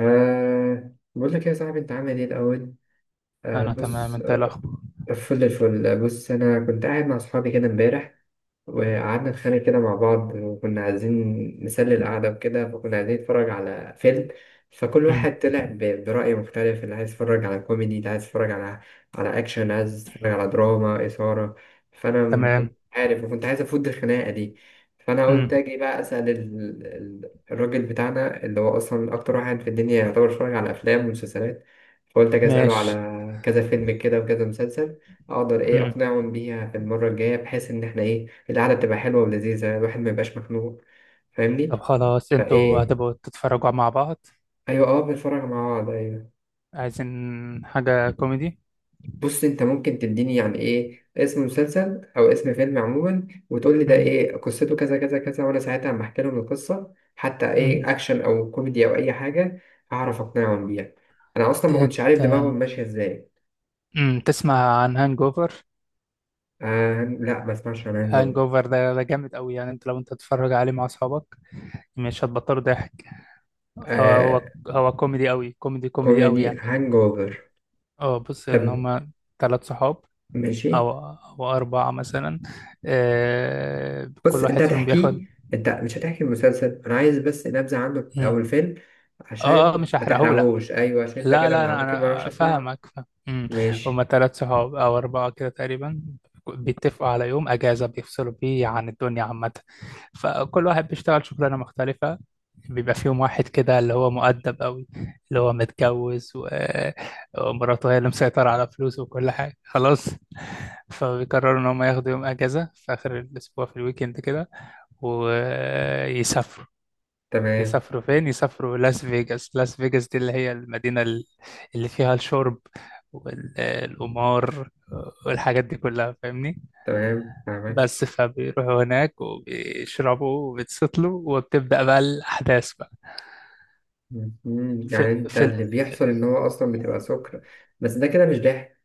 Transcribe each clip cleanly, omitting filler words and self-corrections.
بقول لك يا صاحبي، انت عامل ايه الاول؟ انا تمام، بص. انت إيه الاخبار؟ آه، فل الفل. بص، انا كنت قاعد مع اصحابي كده امبارح، مم. وقعدنا نتخانق كده مع بعض، وكنا عايزين نسلي القعدة وكده. فكنا عايزين نتفرج على فيلم. فكل امم. واحد طلع برأي مختلف. اللي عايز يتفرج على كوميدي، اللي عايز يتفرج على أكشن، عايز يتفرج على دراما إثارة. فأنا ما كنت تمام. عارف، وكنت عايز أفوت الخناقة دي. فأنا قلت امم. أجي بقى أسأل الراجل بتاعنا، اللي هو أصلا أكتر واحد في الدنيا يعتبر اتفرج على أفلام ومسلسلات. فقلت أجي أسأله ماشي. على كذا فيلم كده وكذا مسلسل، أقدر إيه امم. أقنعهم بيها في المرة الجاية، بحيث إن إحنا إيه، القعدة بتبقى حلوة ولذيذة، الواحد ما يبقاش مخنوق. فاهمني؟ طب، خلاص، انتوا فايه، هتبقوا تتفرجوا مع بعض؟ ايوه، بنتفرج مع بعض، ايوه. عايزين حاجة كوميدي؟ بص، انت ممكن تديني يعني ايه اسم مسلسل او اسم فيلم عموما، وتقول لي ده امم. ايه قصته، كذا كذا كذا، وانا ساعتها لما احكي لهم القصة حتى امم. ايه، اكشن او كوميدي او اي حاجة، هعرف اقنعهم بيها. انا اصلا ما كنتش تت عارف دماغهم ماشية ازاي. تسمع عن هانج اوفر؟ آه لا، ما اسمعش عن هانج هانج اوفر. اوفر ده جامد قوي يعني. لو انت تتفرج عليه مع اصحابك مش هتبطلوا ضحك. آه، آه، هو كوميدي قوي، كوميدي، كوميدي قوي كوميدي يعني. هانج اوفر؟ اه، بص، ان طب هما ثلاث صحاب ماشي. او اربعة مثلا. آه، بص، كل انت واحد فيهم بياخد. هتحكيه، انت مش هتحكي المسلسل، انا عايز بس نبذة عنه او الفيلم، اه، اه، عشان مش ما هحرقهولك. تحرقهوش. ايوه، عشان انت لا، كده لا، ما انا ممكن، ما اروحش انا اسمع. فاهمك، فاهم. امم. هما ماشي. تلات صحاب او اربعه كده تقريبا. بيتفقوا على يوم اجازه بيفصلوا بيه عن الدنيا عامه. فكل واحد بيشتغل شغلانه مختلفه. بيبقى فيهم واحد كده اللي هو مؤدب قوي، اللي هو متجوز و... آه، ومراته هي اللي مسيطره على فلوسه وكل حاجه خلاص. فبيقرروا ان هم ياخدوا يوم اجازه في اخر الاسبوع في الويكند كده، ويسافروا. تمام يسافروا فين؟ يسافروا لاس فيجاس. لاس فيجاس دي اللي هي المدينة اللي فيها الشرب والقمار والحاجات دي كلها، فاهمني. تمام فاهمك. بس فبيروحوا هناك وبيشربوا وبيتسطلوا، وبتبدأ بقى الأحداث بقى. مم، يعني في, انت في ال- اللي بيحصل ان هو اصلا بتبقى سكر. بس ده كده مش ضحك.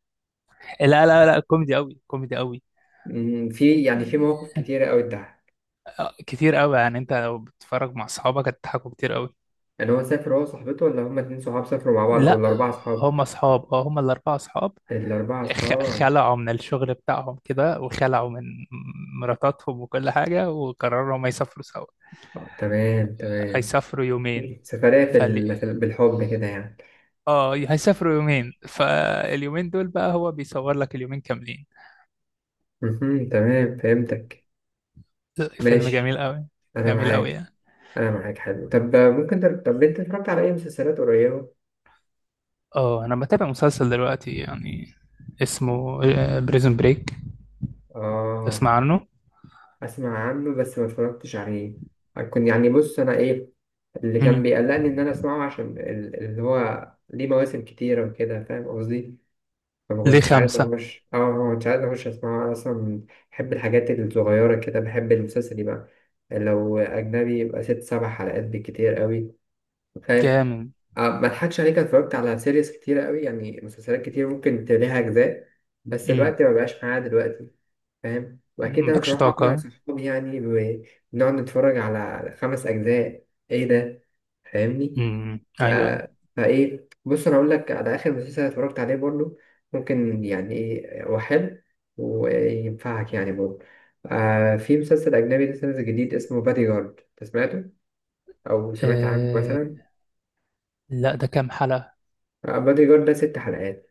لا، لا، لا، كوميدي أوي، كوميدي أوي. مم، في يعني في مواقف كتيرة قوي اتضحك. آه، كتير أوي يعني. أنت لو بتتفرج مع أصحابك هتضحكوا كتير أوي. يعني هو سافر هو وصاحبته، ولا هما اتنين صحاب سافروا مع بعض، او لا، الاربعة صحاب؟ هم أصحاب. اه هم الأربعة أصحاب. الاربعة صحاب. خلعوا من الشغل بتاعهم كده، وخلعوا من مراتاتهم وكل حاجة، وقرروا ما يسافروا سوا. آه، تمام تمام. هيسافروا يومين سفرية في فال بالحب كده يعني. اه هيسافروا يومين. فاليومين دول بقى هو بيصور لك اليومين كاملين. مهم. تمام فهمتك. فيلم جميل ماشي. قوي. انا جميل قوي معاك. يعني. انا معاك، حلو. طب ممكن طب انت اتفرجت على اي مسلسلات قريبه؟ اه، انا بتابع مسلسل دلوقتي يعني، اسمه بريزون بريك. اه، تسمع عنه؟ اسمع عنه بس ما اتفرجتش عليه. هكون يعني، بص انا ايه اللي كان امم. بيقلقني، ان انا اسمعه، عشان اللي هو ليه مواسم كتيره وكده، فاهم قصدي؟ فما ليه كنتش عايز خمسة. اخش، ما كنتش عايز اخش اسمعه انا اصلا. بحب الحاجات الصغيره كده، بحب المسلسل يبقى لو اجنبي يبقى ست سبع حلقات بالكتير قوي. فاهم؟ جامد. آه، ما اضحكش عليك، أنا اتفرجت على سيريز كتيرة قوي، يعني مسلسلات كتير ممكن تلاقيها أجزاء، بس امم. الوقت ما بقاش معايا دلوقتي. فاهم؟ وأكيد أنا مش مالكش هروح أقنع طاقة. صحابي يعني بنقعد نتفرج على خمس أجزاء، إيه ده؟ فاهمني؟ امم. ايوه. فإيه، بص أنا أقول لك على آخر مسلسل اتفرجت عليه برضه، ممكن يعني إيه، هو حلو وينفعك يعني برضه. آه، في مسلسل أجنبي لسه نازل جديد اسمه بادي جارد، أنت سمعته أو سمعت عنه آه. مثلا؟ لا، ده كام حلقة؟ آه، بادي جارد ده ست حلقات.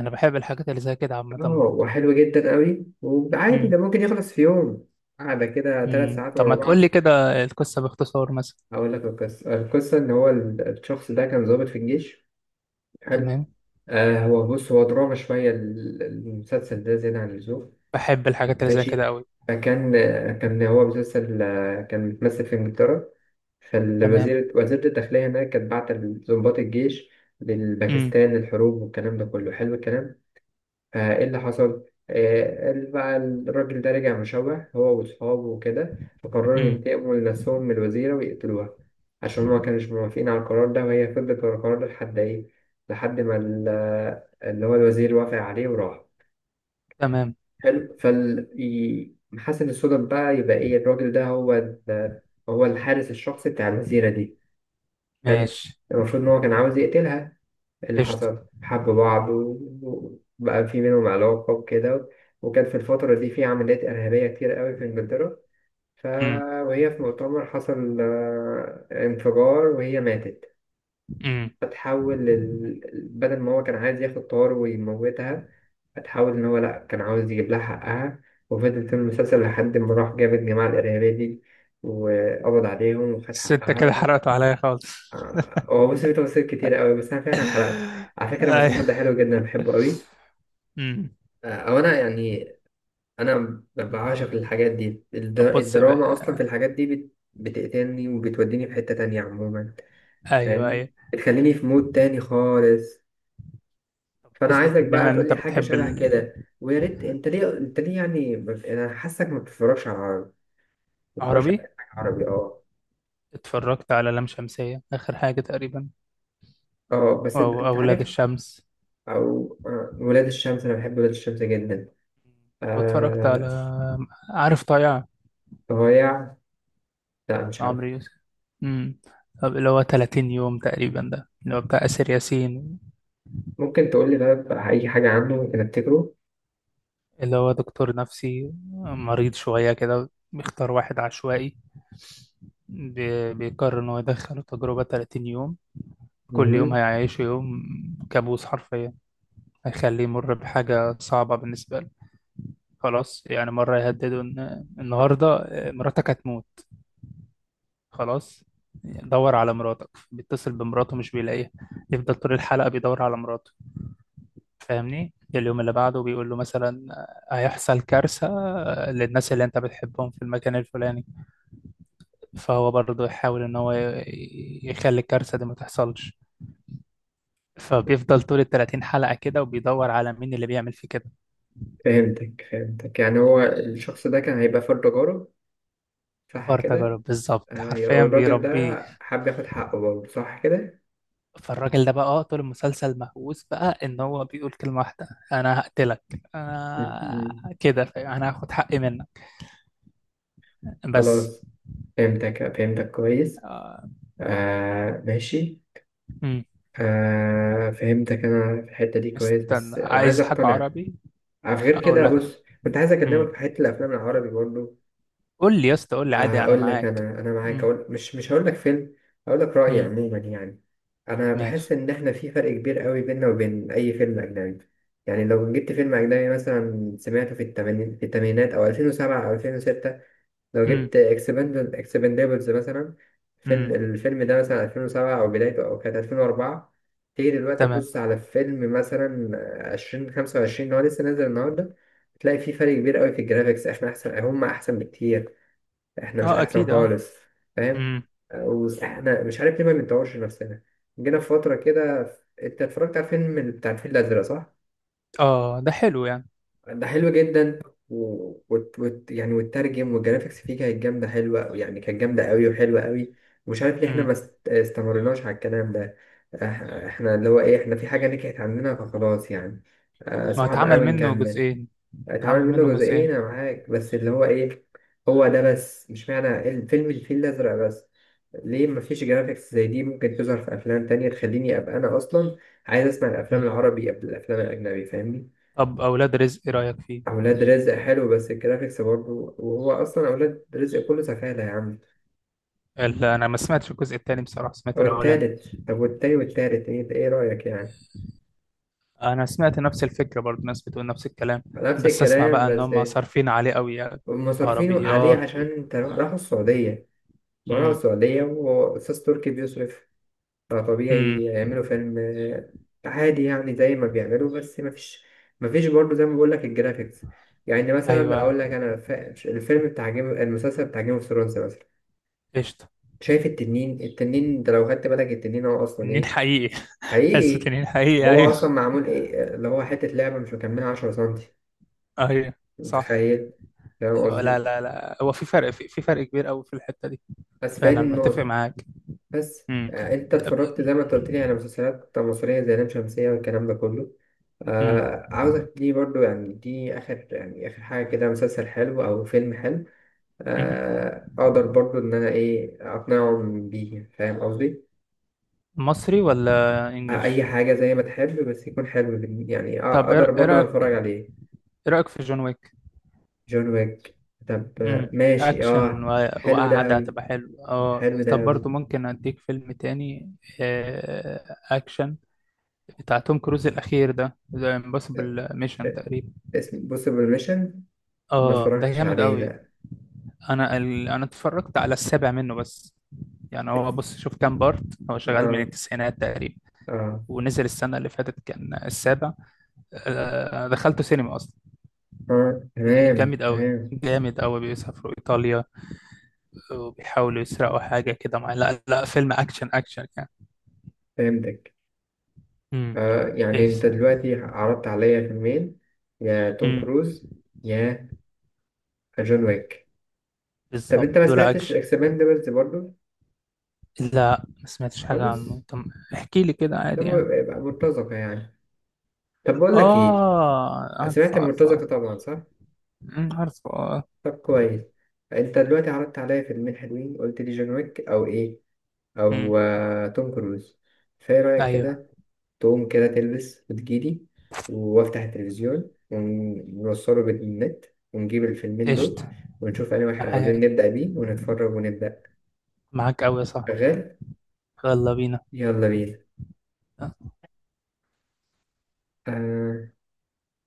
انا بحب الحاجات اللي زي كده عامه اه، برضه. وحلو جدا قوي، وعادي ده امم. ممكن يخلص في يوم، قاعدة كده ثلاث ساعات طب، ورا ما بعض. تقول لي كده، القصه باختصار مثلا. أقول لك القصة. القصة إن هو الشخص ده كان ضابط في الجيش. حلو. تمام. آه، هو بص، هو دراما شوية، المسلسل ده زيادة عن اللزوم. بحب الحاجات اللي زي كده ماشي. قوي. فكان، كان هو مسلسل، كان بيتمثل في إنجلترا. تمام. فالوزير، وزيرة الداخلية هناك، كانت بعت ضباط الجيش امم. للباكستان، الحروب والكلام ده كله، حلو الكلام. ايه اللي حصل؟ قال بقى الراجل ده رجع مشوه هو واصحابه وكده، فقرروا امم. ينتقموا لنفسهم من الوزيرة ويقتلوها. عشان هما كانوش موافقين على القرار ده، وهي فضلت ورا القرار ده لحد ايه، لحد ما اللي هو الوزير وافق عليه وراح. تمام. حلو. فال محسن الصدف بقى، يبقى ايه، الراجل ده هو هو الحارس الشخصي بتاع الوزيرة دي. حلو. ماشي. المفروض ان هو كان عاوز يقتلها. اللي قشطه. حصل، حبوا بعض وبقى في بينهم علاقة وكده. وكان في الفترة دي في عمليات إرهابية كتير قوي في إنجلترا. ف... امم. وهي في مؤتمر، حصل انفجار، وهي ماتت. امم. بدل ما هو كان عايز ياخد طار ويموتها، فتحول إن هو لأ، كان عاوز يجيب لها حقها. وفضل في المسلسل لحد ما راح جاب الجماعة الإرهابية دي، وقبض عليهم وخد الستة كده حقها. حرقته عليا خالص. آه، هو بص، في تفاصيل كتير قوي بس أنا فعلا حرقت. على فكرة المسلسل ده ايوه. حلو جدا، بحبه قوي. امم. آه، او انا يعني، انا بعشق الحاجات دي، طب، بص الدراما بقى. اصلا، في الحاجات دي بتقتلني، وبتوديني في حتة تانية عموما. ايوه، فاهمني؟ ايوه، بتخليني في مود تاني خالص. فانا بس عايزك بقى بما ان تقول انت لي حاجة بتحب شبه كده. ويا ريت، انت ليه، انت ليه يعني ما ب- انا حاسك ما بتتفرجش على العربي، ما بتتفرجش على العربي، أي حاجة عربي؟ اه. اتفرجت على لام شمسية اخر حاجة تقريبا، اه بس انت، او أنت اولاد عارف. الشمس. او آه، ولاد الشمس، انا بحب ولاد الشمس جدا. واتفرجت على، آه. عارف طايع؟ ضايع؟ لا مش عمرو عارف. يوسف. امم. طب، اللي هو 30 يوم تقريبا، ده اللي هو بتاع آسر ياسين. ممكن تقول لي بقى، اي حاجة عنه ممكن افتكره. اللي هو دكتور نفسي مريض شوية كده، بيختار واحد عشوائي، بيقرر إن هو يدخله تجربة 30 يوم. كل يوم هيعيشه يوم كابوس حرفيا. هيخليه يمر بحاجة صعبة بالنسبة له، خلاص. يعني، مرة يهدده إن النهاردة مراتك هتموت، خلاص، دور على مراتك. بيتصل بمراته، مش بيلاقيها، يفضل طول الحلقة بيدور على مراته، فاهمني. اليوم اللي بعده بيقول له مثلا، آه، هيحصل كارثة للناس اللي انت بتحبهم في المكان الفلاني. فهو برضه يحاول ان هو يخلي الكارثة دي ما تحصلش. فبيفضل طول ال 30 حلقة كده، وبيدور على مين اللي بيعمل فيه كده. فهمتك فهمتك، يعني هو الشخص ده كان هيبقى فرد تجارة، صح فار كده؟ تجارب بالظبط، آه، يبقى حرفيا الراجل ده بيربيه. حب ياخد حقه برضه، صح كده؟ فالراجل ده بقى، طول المسلسل مهووس بقى ان هو بيقول كلمة واحدة: انا هقتلك، م- انا م. كده فاهم؟ انا هاخد حقي منك بس. خلاص. فهمتك فهمتك كويس. آه، آه ماشي. مم. آه فهمتك أنا في الحتة دي كويس، استنى، بس أنا عايز عايز حاجة أقتنع. عربي؟ آه، غير اقول كده لك. بص، كنت عايز امم. أكلمك في حتة الأفلام العربي برضه. قول لي يا اسطى، قول لي عادي، انا اقول لك، معاك. انا معاك. امم. اقول، مش هقول لك فيلم، هقول لك رايي امم. عموما يعني. انا بحس ماشي. ان احنا في فرق كبير قوي بيننا وبين اي فيلم اجنبي. يعني لو جبت فيلم اجنبي مثلا، سمعته في الثمانينات او 2007 او 2006. لو امم. جبت اكسباندبلز مثلا، امم. الفيلم ده مثلا 2007، او بدايته او كانت 2004. تيجي دلوقتي تمام. تبص على فيلم مثلا 2025، اللي هو لسه نازل النهارده، تلاقي في فرق كبير قوي في الجرافيكس. احنا احسن، هم احسن بكتير. احنا مش اه، احسن اكيد، اه. خالص. فاهم؟ امم. واحنا مش عارف ليه ما بنطورش نفسنا. جينا في فتره كده. انت اتفرجت على فيلم بتاع الفيل الازرق صح؟ اه، ده حلو يعني. ده حلو جدا. و... يعني، والترجم والجرافيكس فيه كانت جامده حلوه يعني، كانت جامده قوي وحلوه قوي. ومش عارف ليه احنا امم ما استمرناش على الكلام ده. احنا اللي هو ايه، احنا في حاجه نكحت عندنا فخلاص يعني. آه ما هو صعب اتعمل قوي منه نكمل. جزئين. اتعمل اتعمل منه منه جزئين. جزئين. انا معاك، بس اللي هو ايه، هو ده بس مش معنى الفيلم الفيل الازرق بس. ليه مفيش جرافيكس زي دي ممكن تظهر في افلام تانية تخليني ابقى انا اصلا عايز اسمع الافلام امم العربي قبل الافلام الاجنبي؟ فاهمني؟ طب، اولاد رزق، ايه رايك فيه؟ اولاد رزق حلو بس الجرافيكس برضه، وهو اصلا اولاد رزق كله سفالة يا عم. لا، انا ما سمعتش الجزء الثاني بصراحه، سمعت او الاولاني. التالت. طب والتاني والتالت ايه ده؟ ايه رايك يعني؟ انا سمعت نفس الفكره برضه، ناس بتقول نفس الكلام نفس بس. اسمع الكلام بقى ان بس. هم صارفين عليه قوي يعني، هم صارفينه عليه عربيات عشان و. انت، راحوا السعودية. ما راحوا امم. السعودية، واستاذ تركي بيصرف، امم. فطبيعي يعملوا فيلم. آه، عادي يعني زي ما بيعملوا، بس مفيش، مفيش برضه زي ما بقول لك الجرافيكس. يعني مثلا ايوه. اقول لك انا، الفيلم بتاع جيم، المسلسل بتاع جيم اوف ثرونز مثلا. قشطه. شايف التنين؟ التنين ده لو خدت بالك، التنين هو اصلا تنين ايه، حقيقي. تحسه حقيقي. تنين هو حقيقي. اصلا معمول ايه؟ اللي هو حتة لعبة مش مكملة 10 سنتي، ايوه، صح. متخيل؟ فاهم لا، قصدي؟ لا، لا، هو في فرق، في فرق كبير قوي في الحتة دي. بس فاهم فعلا متفق النقطة. معاك. بس امم. آه، انت اتفرجت أب- زي ما انت قلت لي على مسلسلات مصرية زي لام شمسية والكلام ده كله. امم. آه عاوزك دي برضو يعني، دي آخر يعني آخر حاجة كده، مسلسل حلو أو فيلم حلو، أمم. آه، أقدر برضو إن أنا إيه أقنعهم بيه، فاهم قصدي؟ مصري ولا آه انجليش؟ أي حاجة زي ما تحب، بس يكون حلو يعني طب، أقدر ايه إيه برضو أنا رأيك أتفرج عليه. ايه رأيك في جون ويك. جون ويك؟ طب آه، امم. ماشي، اكشن أه حلو ده وقعدة أوي. هتبقى حلو، اه. حلو ده طب، برضو أوي. ممكن اديك فيلم تاني، آه، اكشن. بتاع توم كروز الاخير، ده ذا آه، امبوسيبل آه، ميشن تقريبا. اسم بوسيبل ميشن، ما اه، ده اتفرجتش جامد عليه قوي. لا. انا اتفرجت على السابع منه بس. يعني، هو، بص، شوف كام بارت. هو شغال من أه التسعينات تقريبا. أه. ونزل السنة اللي فاتت كان السابع. آه، دخلته سينما أصلا. أه كان تمام جامد أوي. تمام جامد أوي، بيسافروا إيطاليا، وبيحاولوا يسرقوا حاجة كده، لا، لا، فيلم أكشن، أكشن يعني. فهمتك. امم. آه يعني إيه. انت دلوقتي عرضت عليا فيلمين، يا توم امم. كروز، يا جون ويك. طب بالظبط، انت ما دول سمعتش أكشن. اكسباندبلز برضو؟ لا، ما سمعتش حاجة خالص. عنه. طب، احكي لي كده ده عادي يعني. يبقى مرتزقة يعني. طب بقول لك ايه، آه، عارفه، سمعت عارفه. المرتزقة طبعا صح؟ أمم، عارفه، آه. طب كويس. انت دلوقتي عرضت عليا فيلمين حلوين، قلت لي جون ويك او ايه، أمم، او آه توم كروز. فايه رأيك أيوه. كده، تقوم كده تلبس وتجيلي، وافتح التلفزيون ونوصله بالنت، ونجيب الفيلمين دول، قشطة. ونشوف انهي واحد عاوزين معاك، نبدأ بيه ونتفرج ونبدأ؟ معاك أوي يا صاحبي. شغال. يلا بينا. يلا بينا. آه.